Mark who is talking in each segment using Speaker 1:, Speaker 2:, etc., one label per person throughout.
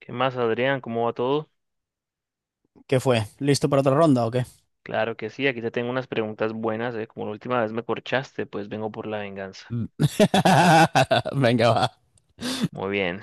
Speaker 1: ¿Qué más, Adrián? ¿Cómo va todo?
Speaker 2: ¿Qué fue? ¿Listo para otra ronda o qué?
Speaker 1: Claro que sí, aquí te tengo unas preguntas buenas, ¿eh? Como la última vez me corchaste, pues vengo por la venganza.
Speaker 2: Venga, va.
Speaker 1: Muy bien.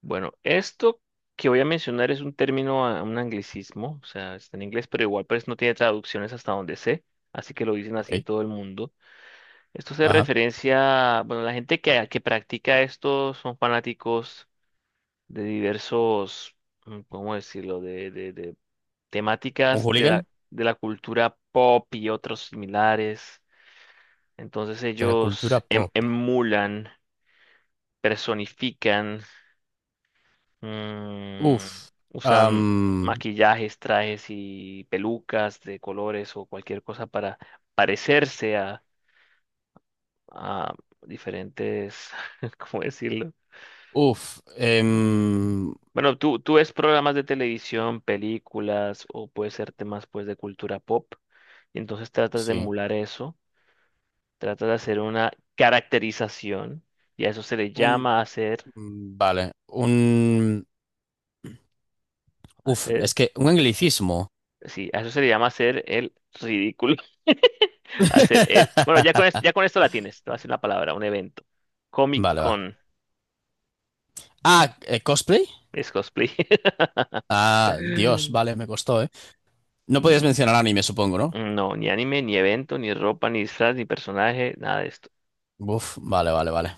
Speaker 1: Bueno, esto que voy a mencionar es un término, un anglicismo, o sea, está en inglés, pero igual pues no tiene traducciones hasta donde sé, así que lo dicen
Speaker 2: Ok.
Speaker 1: así en todo el mundo. Esto se
Speaker 2: Ajá.
Speaker 1: referencia, bueno, la gente que practica esto son fanáticos de diversos, ¿cómo decirlo? De
Speaker 2: Un
Speaker 1: temáticas
Speaker 2: hooligan
Speaker 1: de la cultura pop y otros similares. Entonces
Speaker 2: de la
Speaker 1: ellos
Speaker 2: cultura pop.
Speaker 1: emulan, personifican, mm,
Speaker 2: Uf.
Speaker 1: usan
Speaker 2: Am,
Speaker 1: maquillajes, trajes y pelucas de colores o cualquier cosa para parecerse a diferentes, ¿cómo decirlo?
Speaker 2: uf.
Speaker 1: Mm,
Speaker 2: Em,
Speaker 1: Bueno, tú ves programas de televisión, películas o puede ser temas pues de cultura pop y entonces tratas de
Speaker 2: sí.
Speaker 1: emular eso, tratas de hacer una caracterización y a eso se le
Speaker 2: Un.
Speaker 1: llama hacer.
Speaker 2: Vale. Un. Uf.
Speaker 1: Hacer,
Speaker 2: Es que un anglicismo.
Speaker 1: sí, a eso se le llama hacer el ridículo. Hacer el. Bueno, ya con esto la tienes. Te voy a hacer una palabra, un evento. Comic
Speaker 2: Vale, va.
Speaker 1: Con
Speaker 2: Ah, cosplay.
Speaker 1: es cosplay.
Speaker 2: Ah, Dios,
Speaker 1: Mm,
Speaker 2: vale, me costó, ¿eh? No podías mencionar anime, supongo, ¿no?
Speaker 1: no, ni anime, ni evento, ni ropa, ni disfraz, ni personaje, nada de esto.
Speaker 2: Uf, vale, vale, vale.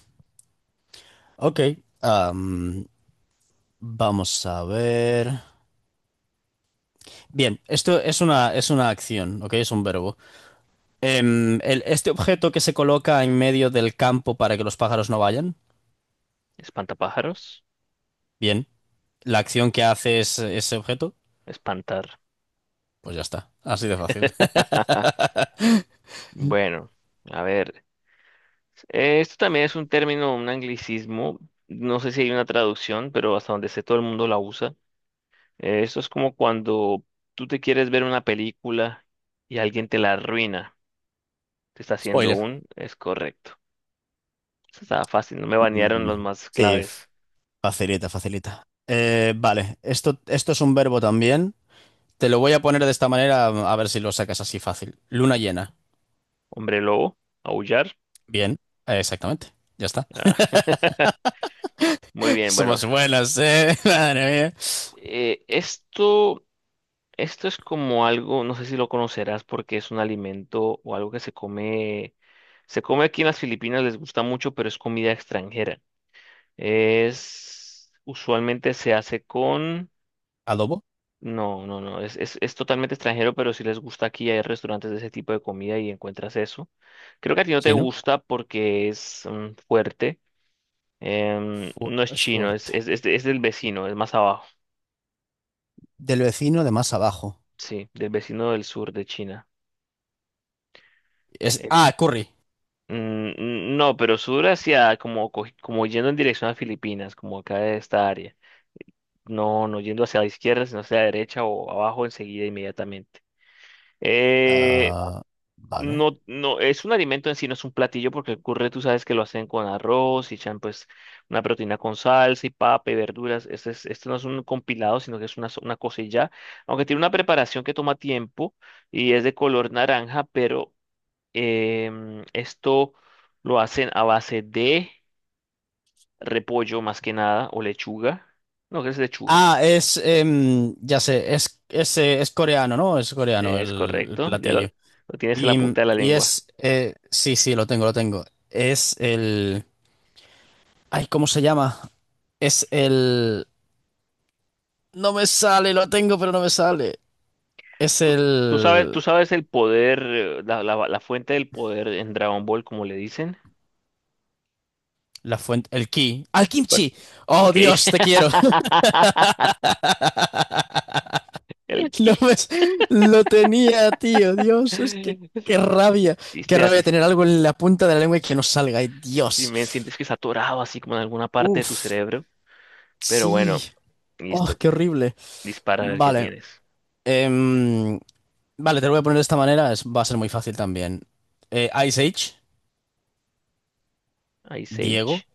Speaker 2: Ok. am, Vamos a ver. Bien, es una acción, ¿ok? Es un verbo. Este objeto que se coloca en medio del campo para que los pájaros no vayan,
Speaker 1: Espantapájaros,
Speaker 2: bien. La acción que hace es ese objeto,
Speaker 1: espantar.
Speaker 2: pues ya está. Así de fácil.
Speaker 1: Bueno, a ver. Esto también es un término, un anglicismo. No sé si hay una traducción, pero hasta donde sé todo el mundo la usa. Esto es como cuando tú te quieres ver una película y alguien te la arruina. Te está haciendo
Speaker 2: Spoiler.
Speaker 1: un... Es correcto. Esto estaba fácil, no me banearon los
Speaker 2: Mm,
Speaker 1: más
Speaker 2: Sí,
Speaker 1: claves.
Speaker 2: facilita, facilita. Esto es un verbo también. Te lo voy a poner de esta manera a ver si lo sacas así fácil. Luna llena.
Speaker 1: Hombre lobo, aullar.
Speaker 2: Bien, exactamente. Ya está.
Speaker 1: Ah, muy bien, bueno.
Speaker 2: Somos buenas, ¿eh? Madre mía.
Speaker 1: Eh, esto, esto es como algo, no sé si lo conocerás porque es un alimento o algo que se come... Se come aquí en las Filipinas, les gusta mucho, pero es comida extranjera. Es... Usualmente se hace con...
Speaker 2: Adobo,
Speaker 1: No, no, no, es totalmente extranjero, pero si les gusta aquí, hay restaurantes de ese tipo de comida y encuentras eso. Creo que a ti no te
Speaker 2: chino,
Speaker 1: gusta porque es fuerte. No es
Speaker 2: es
Speaker 1: chino,
Speaker 2: fuerte.
Speaker 1: es del vecino, es más abajo.
Speaker 2: Del vecino de más abajo.
Speaker 1: Sí, del vecino del sur de China.
Speaker 2: Es,
Speaker 1: Es,
Speaker 2: ah, Curry.
Speaker 1: mm, no, pero sur hacia como, como yendo en dirección a Filipinas, como acá de esta área. No, no yendo hacia la izquierda, sino hacia la derecha o abajo enseguida, inmediatamente. Eh,
Speaker 2: Ah, vale.
Speaker 1: No, no, es un alimento en sí, no es un platillo, porque el curry tú sabes que lo hacen con arroz y echan pues una proteína con salsa y papa y verduras. Este no es un compilado, sino que es una, una cosa y ya. Aunque tiene una preparación que toma tiempo y es de color naranja, pero esto lo hacen a base de repollo más que nada o lechuga. No, que es lechuga.
Speaker 2: Ah, ya sé, es coreano, ¿no? Es coreano
Speaker 1: Es
Speaker 2: el
Speaker 1: correcto,
Speaker 2: platillo.
Speaker 1: lo tienes en la
Speaker 2: Y,
Speaker 1: punta de la lengua.
Speaker 2: es, sí, sí, lo tengo, lo tengo. Es el... Ay, ¿cómo se llama? Es el... No me sale, lo tengo, pero no me sale. Es
Speaker 1: tú, tú sabes,
Speaker 2: el...
Speaker 1: tú sabes el poder, la fuente del poder en Dragon Ball, como le dicen.
Speaker 2: La fuente, el ki. ¡Al
Speaker 1: Bueno,
Speaker 2: kimchi! ¡Oh,
Speaker 1: ok.
Speaker 2: Dios, te quiero!
Speaker 1: El
Speaker 2: Lo,
Speaker 1: ki.
Speaker 2: ves, lo tenía, tío. Dios, es que qué rabia. Qué
Speaker 1: Viste,
Speaker 2: rabia
Speaker 1: así.
Speaker 2: tener algo en la punta de la lengua y que no salga. Ay,
Speaker 1: Si me
Speaker 2: Dios.
Speaker 1: sientes que está atorado así como en alguna parte de tu
Speaker 2: Uf,
Speaker 1: cerebro. Pero
Speaker 2: sí.
Speaker 1: bueno,
Speaker 2: Oh,
Speaker 1: listo.
Speaker 2: qué horrible.
Speaker 1: Dispara a ver qué
Speaker 2: Vale.
Speaker 1: tienes.
Speaker 2: em, vale, te lo voy a poner de esta manera. Va a ser muy fácil también. Ice Age,
Speaker 1: Ice
Speaker 2: Diego.
Speaker 1: Age.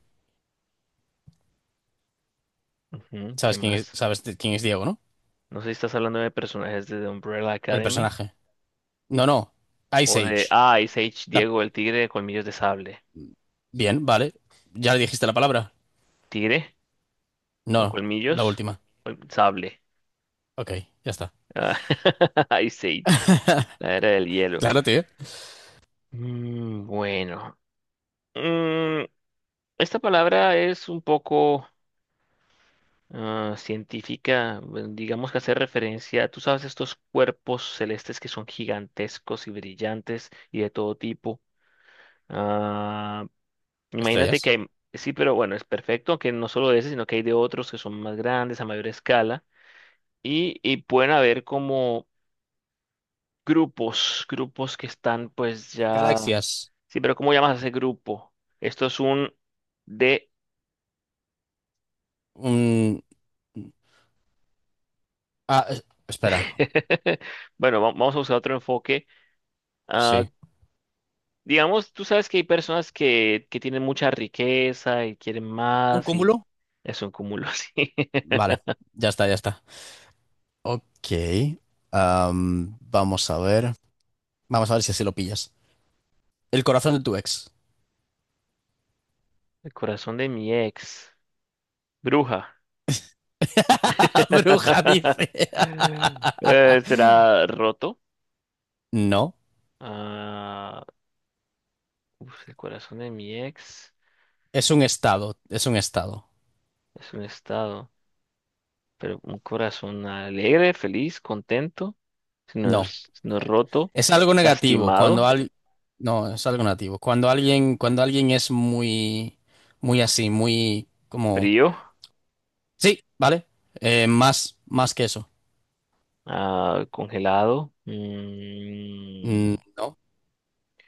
Speaker 1: Ujú, ¿qué
Speaker 2: ¿Sabes quién es,
Speaker 1: más?
Speaker 2: quién es Diego, no?
Speaker 1: No sé si estás hablando de personajes de The Umbrella
Speaker 2: El
Speaker 1: Academy.
Speaker 2: personaje. No, no. Ice
Speaker 1: O de.
Speaker 2: Age.
Speaker 1: Ah, Ice Age,
Speaker 2: La-
Speaker 1: Diego, el tigre de colmillos de sable.
Speaker 2: Bien, vale. ¿Ya le dijiste la palabra?
Speaker 1: ¿Tigre? ¿O
Speaker 2: No, la
Speaker 1: colmillos?
Speaker 2: última.
Speaker 1: Col- sable.
Speaker 2: Ok, ya está.
Speaker 1: Ah, Ice Age, la era del hielo.
Speaker 2: Claro, tío.
Speaker 1: Bueno, Mm, esta palabra es un poco científica, bueno, digamos que hace referencia, tú sabes, estos cuerpos celestes que son gigantescos y brillantes y de todo tipo. Ah, imagínate que
Speaker 2: Estrellas.
Speaker 1: hay, sí, pero bueno, es perfecto, que no solo de ese, sino que hay de otros que son más grandes, a mayor escala, y pueden haber como... grupos, grupos que están pues ya...
Speaker 2: Galaxias.
Speaker 1: Sí, pero ¿cómo llamas a ese grupo? Esto es un de...
Speaker 2: Un... Ah, espera,
Speaker 1: Bueno, vamos a buscar otro enfoque. Ah,
Speaker 2: sí.
Speaker 1: digamos, tú sabes que hay personas que tienen mucha riqueza y quieren
Speaker 2: ¿Un
Speaker 1: más y
Speaker 2: cúmulo?
Speaker 1: es un cúmulo así.
Speaker 2: Vale, ya está, ya está. Ok. Vamos a ver. Vamos a ver si así lo pillas. El corazón de tu ex.
Speaker 1: El corazón de mi ex. Bruja.
Speaker 2: Bruja dice.
Speaker 1: ¿Será roto?
Speaker 2: No,
Speaker 1: Ah, uf, el corazón de mi ex
Speaker 2: es un estado, es un estado.
Speaker 1: es un estado. Pero un corazón alegre, feliz, contento,
Speaker 2: No,
Speaker 1: si no es roto,
Speaker 2: es algo negativo
Speaker 1: lastimado,
Speaker 2: cuando al... No, es algo negativo. Cuando alguien es muy, muy así, muy como...
Speaker 1: frío,
Speaker 2: Sí, vale. Más, más que eso.
Speaker 1: congelado,
Speaker 2: No,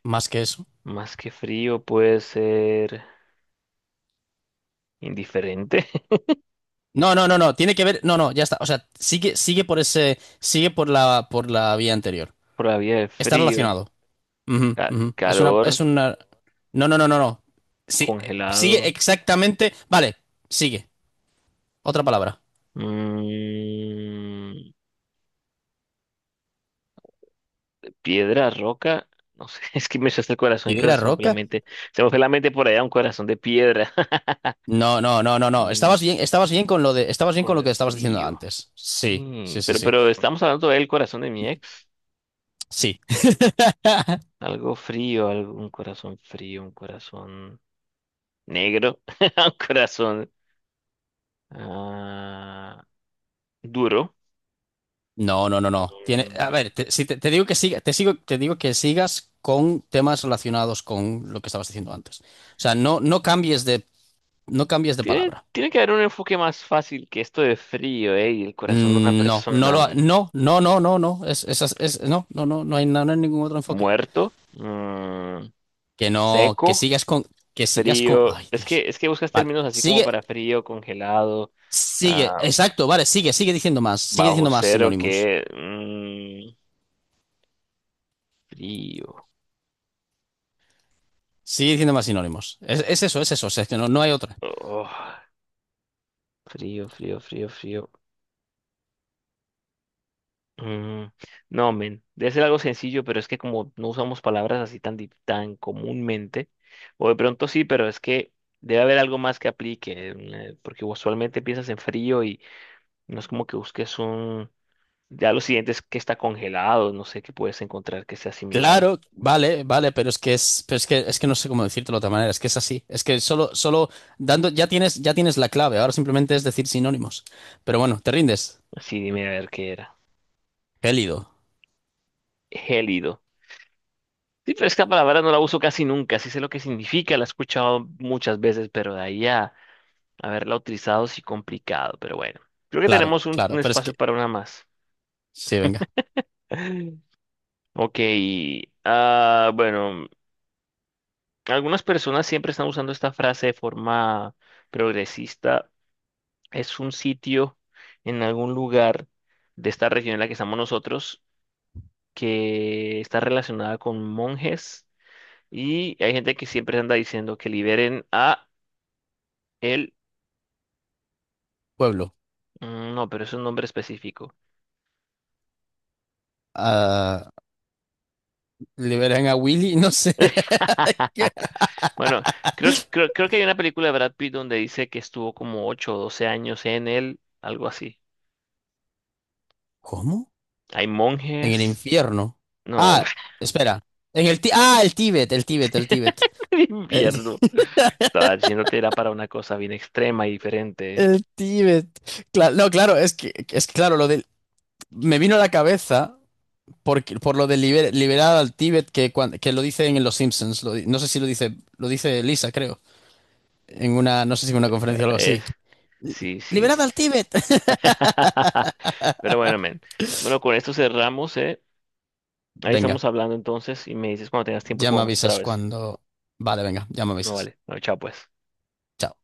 Speaker 2: más que eso.
Speaker 1: más que frío puede ser indiferente,
Speaker 2: No, no, no, no. Tiene que ver. No, no, ya está. O sea, sigue, sigue por ese. Sigue por la vía anterior.
Speaker 1: por la vía de
Speaker 2: Está
Speaker 1: frío,
Speaker 2: relacionado. Ujú, ujú. Es una,
Speaker 1: calor,
Speaker 2: es una. No, no, no, no, no. Sí, sigue
Speaker 1: congelado,
Speaker 2: exactamente. Vale, sigue. Otra palabra.
Speaker 1: mm, piedra, roca. No sé, es que me echaste el corazón y creo que
Speaker 2: ¿Piedra
Speaker 1: se me fue la
Speaker 2: roca?
Speaker 1: mente. Se me fue la mente por allá un corazón de piedra.
Speaker 2: No, no, no, no, no.
Speaker 1: Mm,
Speaker 2: Estabas bien, estabas bien
Speaker 1: con
Speaker 2: con
Speaker 1: lo
Speaker 2: lo
Speaker 1: de
Speaker 2: que estabas diciendo
Speaker 1: frío.
Speaker 2: antes. Sí, sí, sí, sí.
Speaker 1: Pero estamos hablando del corazón de mi ex.
Speaker 2: Sí.
Speaker 1: Algo frío, algo, un corazón frío, un corazón negro, un corazón ah, duro.
Speaker 2: No, no, no, no.
Speaker 1: Mm,
Speaker 2: A ver, te, si te, te digo que siga, te sigo, te digo que sigas con temas relacionados con lo que estabas diciendo antes. O sea, no cambies de, no cambies de
Speaker 1: tiene,
Speaker 2: palabra.
Speaker 1: tiene que haber un enfoque más fácil que esto de frío, ¿eh? Y el corazón de una
Speaker 2: No,
Speaker 1: persona
Speaker 2: no, no, no, no, no. No, no, no, no hay ningún otro enfoque.
Speaker 1: muerto,
Speaker 2: Que no, que
Speaker 1: seco,
Speaker 2: sigas con, que sigas con.
Speaker 1: frío.
Speaker 2: Ay, Dios.
Speaker 1: Es que buscas
Speaker 2: Vale,
Speaker 1: términos así como
Speaker 2: sigue,
Speaker 1: para frío, congelado,
Speaker 2: sigue,
Speaker 1: ah,
Speaker 2: exacto, vale, sigue, sigue
Speaker 1: bajo
Speaker 2: diciendo más
Speaker 1: cero,
Speaker 2: sinónimos.
Speaker 1: que frío.
Speaker 2: Sigue diciendo más sinónimos. Es eso, es eso. O sea, es que no, no hay otra.
Speaker 1: Oh. Frío, frío, frío, frío. Mm, no, men, debe ser algo sencillo, pero es que como no usamos palabras así tan, tan comúnmente, o de pronto sí, pero es que debe haber algo más que aplique, porque usualmente piensas en frío y no es como que busques un... Ya lo siguiente es que está congelado, no sé qué puedes encontrar que sea similar.
Speaker 2: Claro, vale, vale, pero es que no sé cómo decírtelo de otra manera, es que es así, es que solo, solo dando, ya tienes la clave, ahora simplemente es decir sinónimos. Pero bueno, te rindes,
Speaker 1: Sí, dime a ver qué era.
Speaker 2: gélido,
Speaker 1: Gélido. Sí, pero esta palabra no la uso casi nunca, sí sé lo que significa, la he escuchado muchas veces, pero de ahí a... haberla utilizado sí complicado, pero bueno. Creo que
Speaker 2: claro,
Speaker 1: tenemos
Speaker 2: claro,
Speaker 1: un
Speaker 2: pero es
Speaker 1: espacio
Speaker 2: que,
Speaker 1: para una más.
Speaker 2: sí, venga,
Speaker 1: Ok. Bueno, algunas personas siempre están usando esta frase de forma progresista. Es un sitio en algún lugar de esta región en la que estamos nosotros que está relacionada con monjes y hay gente que siempre anda diciendo que liberen a él.
Speaker 2: pueblo,
Speaker 1: No, pero es un nombre específico.
Speaker 2: ah, liberan a Willy, no sé.
Speaker 1: Bueno, creo que hay una película de Brad Pitt donde dice que estuvo como 8 o 12 años en él, algo así.
Speaker 2: ¿Cómo?
Speaker 1: Hay
Speaker 2: En el
Speaker 1: monjes.
Speaker 2: infierno.
Speaker 1: No,
Speaker 2: Ah,
Speaker 1: hombre,
Speaker 2: espera, ah, el Tíbet.
Speaker 1: el
Speaker 2: El,
Speaker 1: invierno.
Speaker 2: Tí-
Speaker 1: Estaba yéndote era para una cosa bien extrema y diferente.
Speaker 2: el Tíbet. Claro, no, claro, claro, lo del, me vino a la cabeza. Por por lo de liberar al Tíbet que, que lo dicen en Los Simpsons. No sé si lo dice, lo dice Lisa, creo. En una, no sé si en una conferencia o algo
Speaker 1: Es,
Speaker 2: así. Li-
Speaker 1: sí, sí.
Speaker 2: ¡Liberad al Tíbet!
Speaker 1: Pero bueno, men. Bueno, con esto cerramos, ¿eh? Ahí
Speaker 2: Venga,
Speaker 1: estamos hablando entonces y me dices cuando tengas tiempo y
Speaker 2: ya me
Speaker 1: jugamos otra
Speaker 2: avisas
Speaker 1: vez.
Speaker 2: cuando. Vale, venga, ya me
Speaker 1: No
Speaker 2: avisas.
Speaker 1: vale. Bueno, chao pues.
Speaker 2: Chao.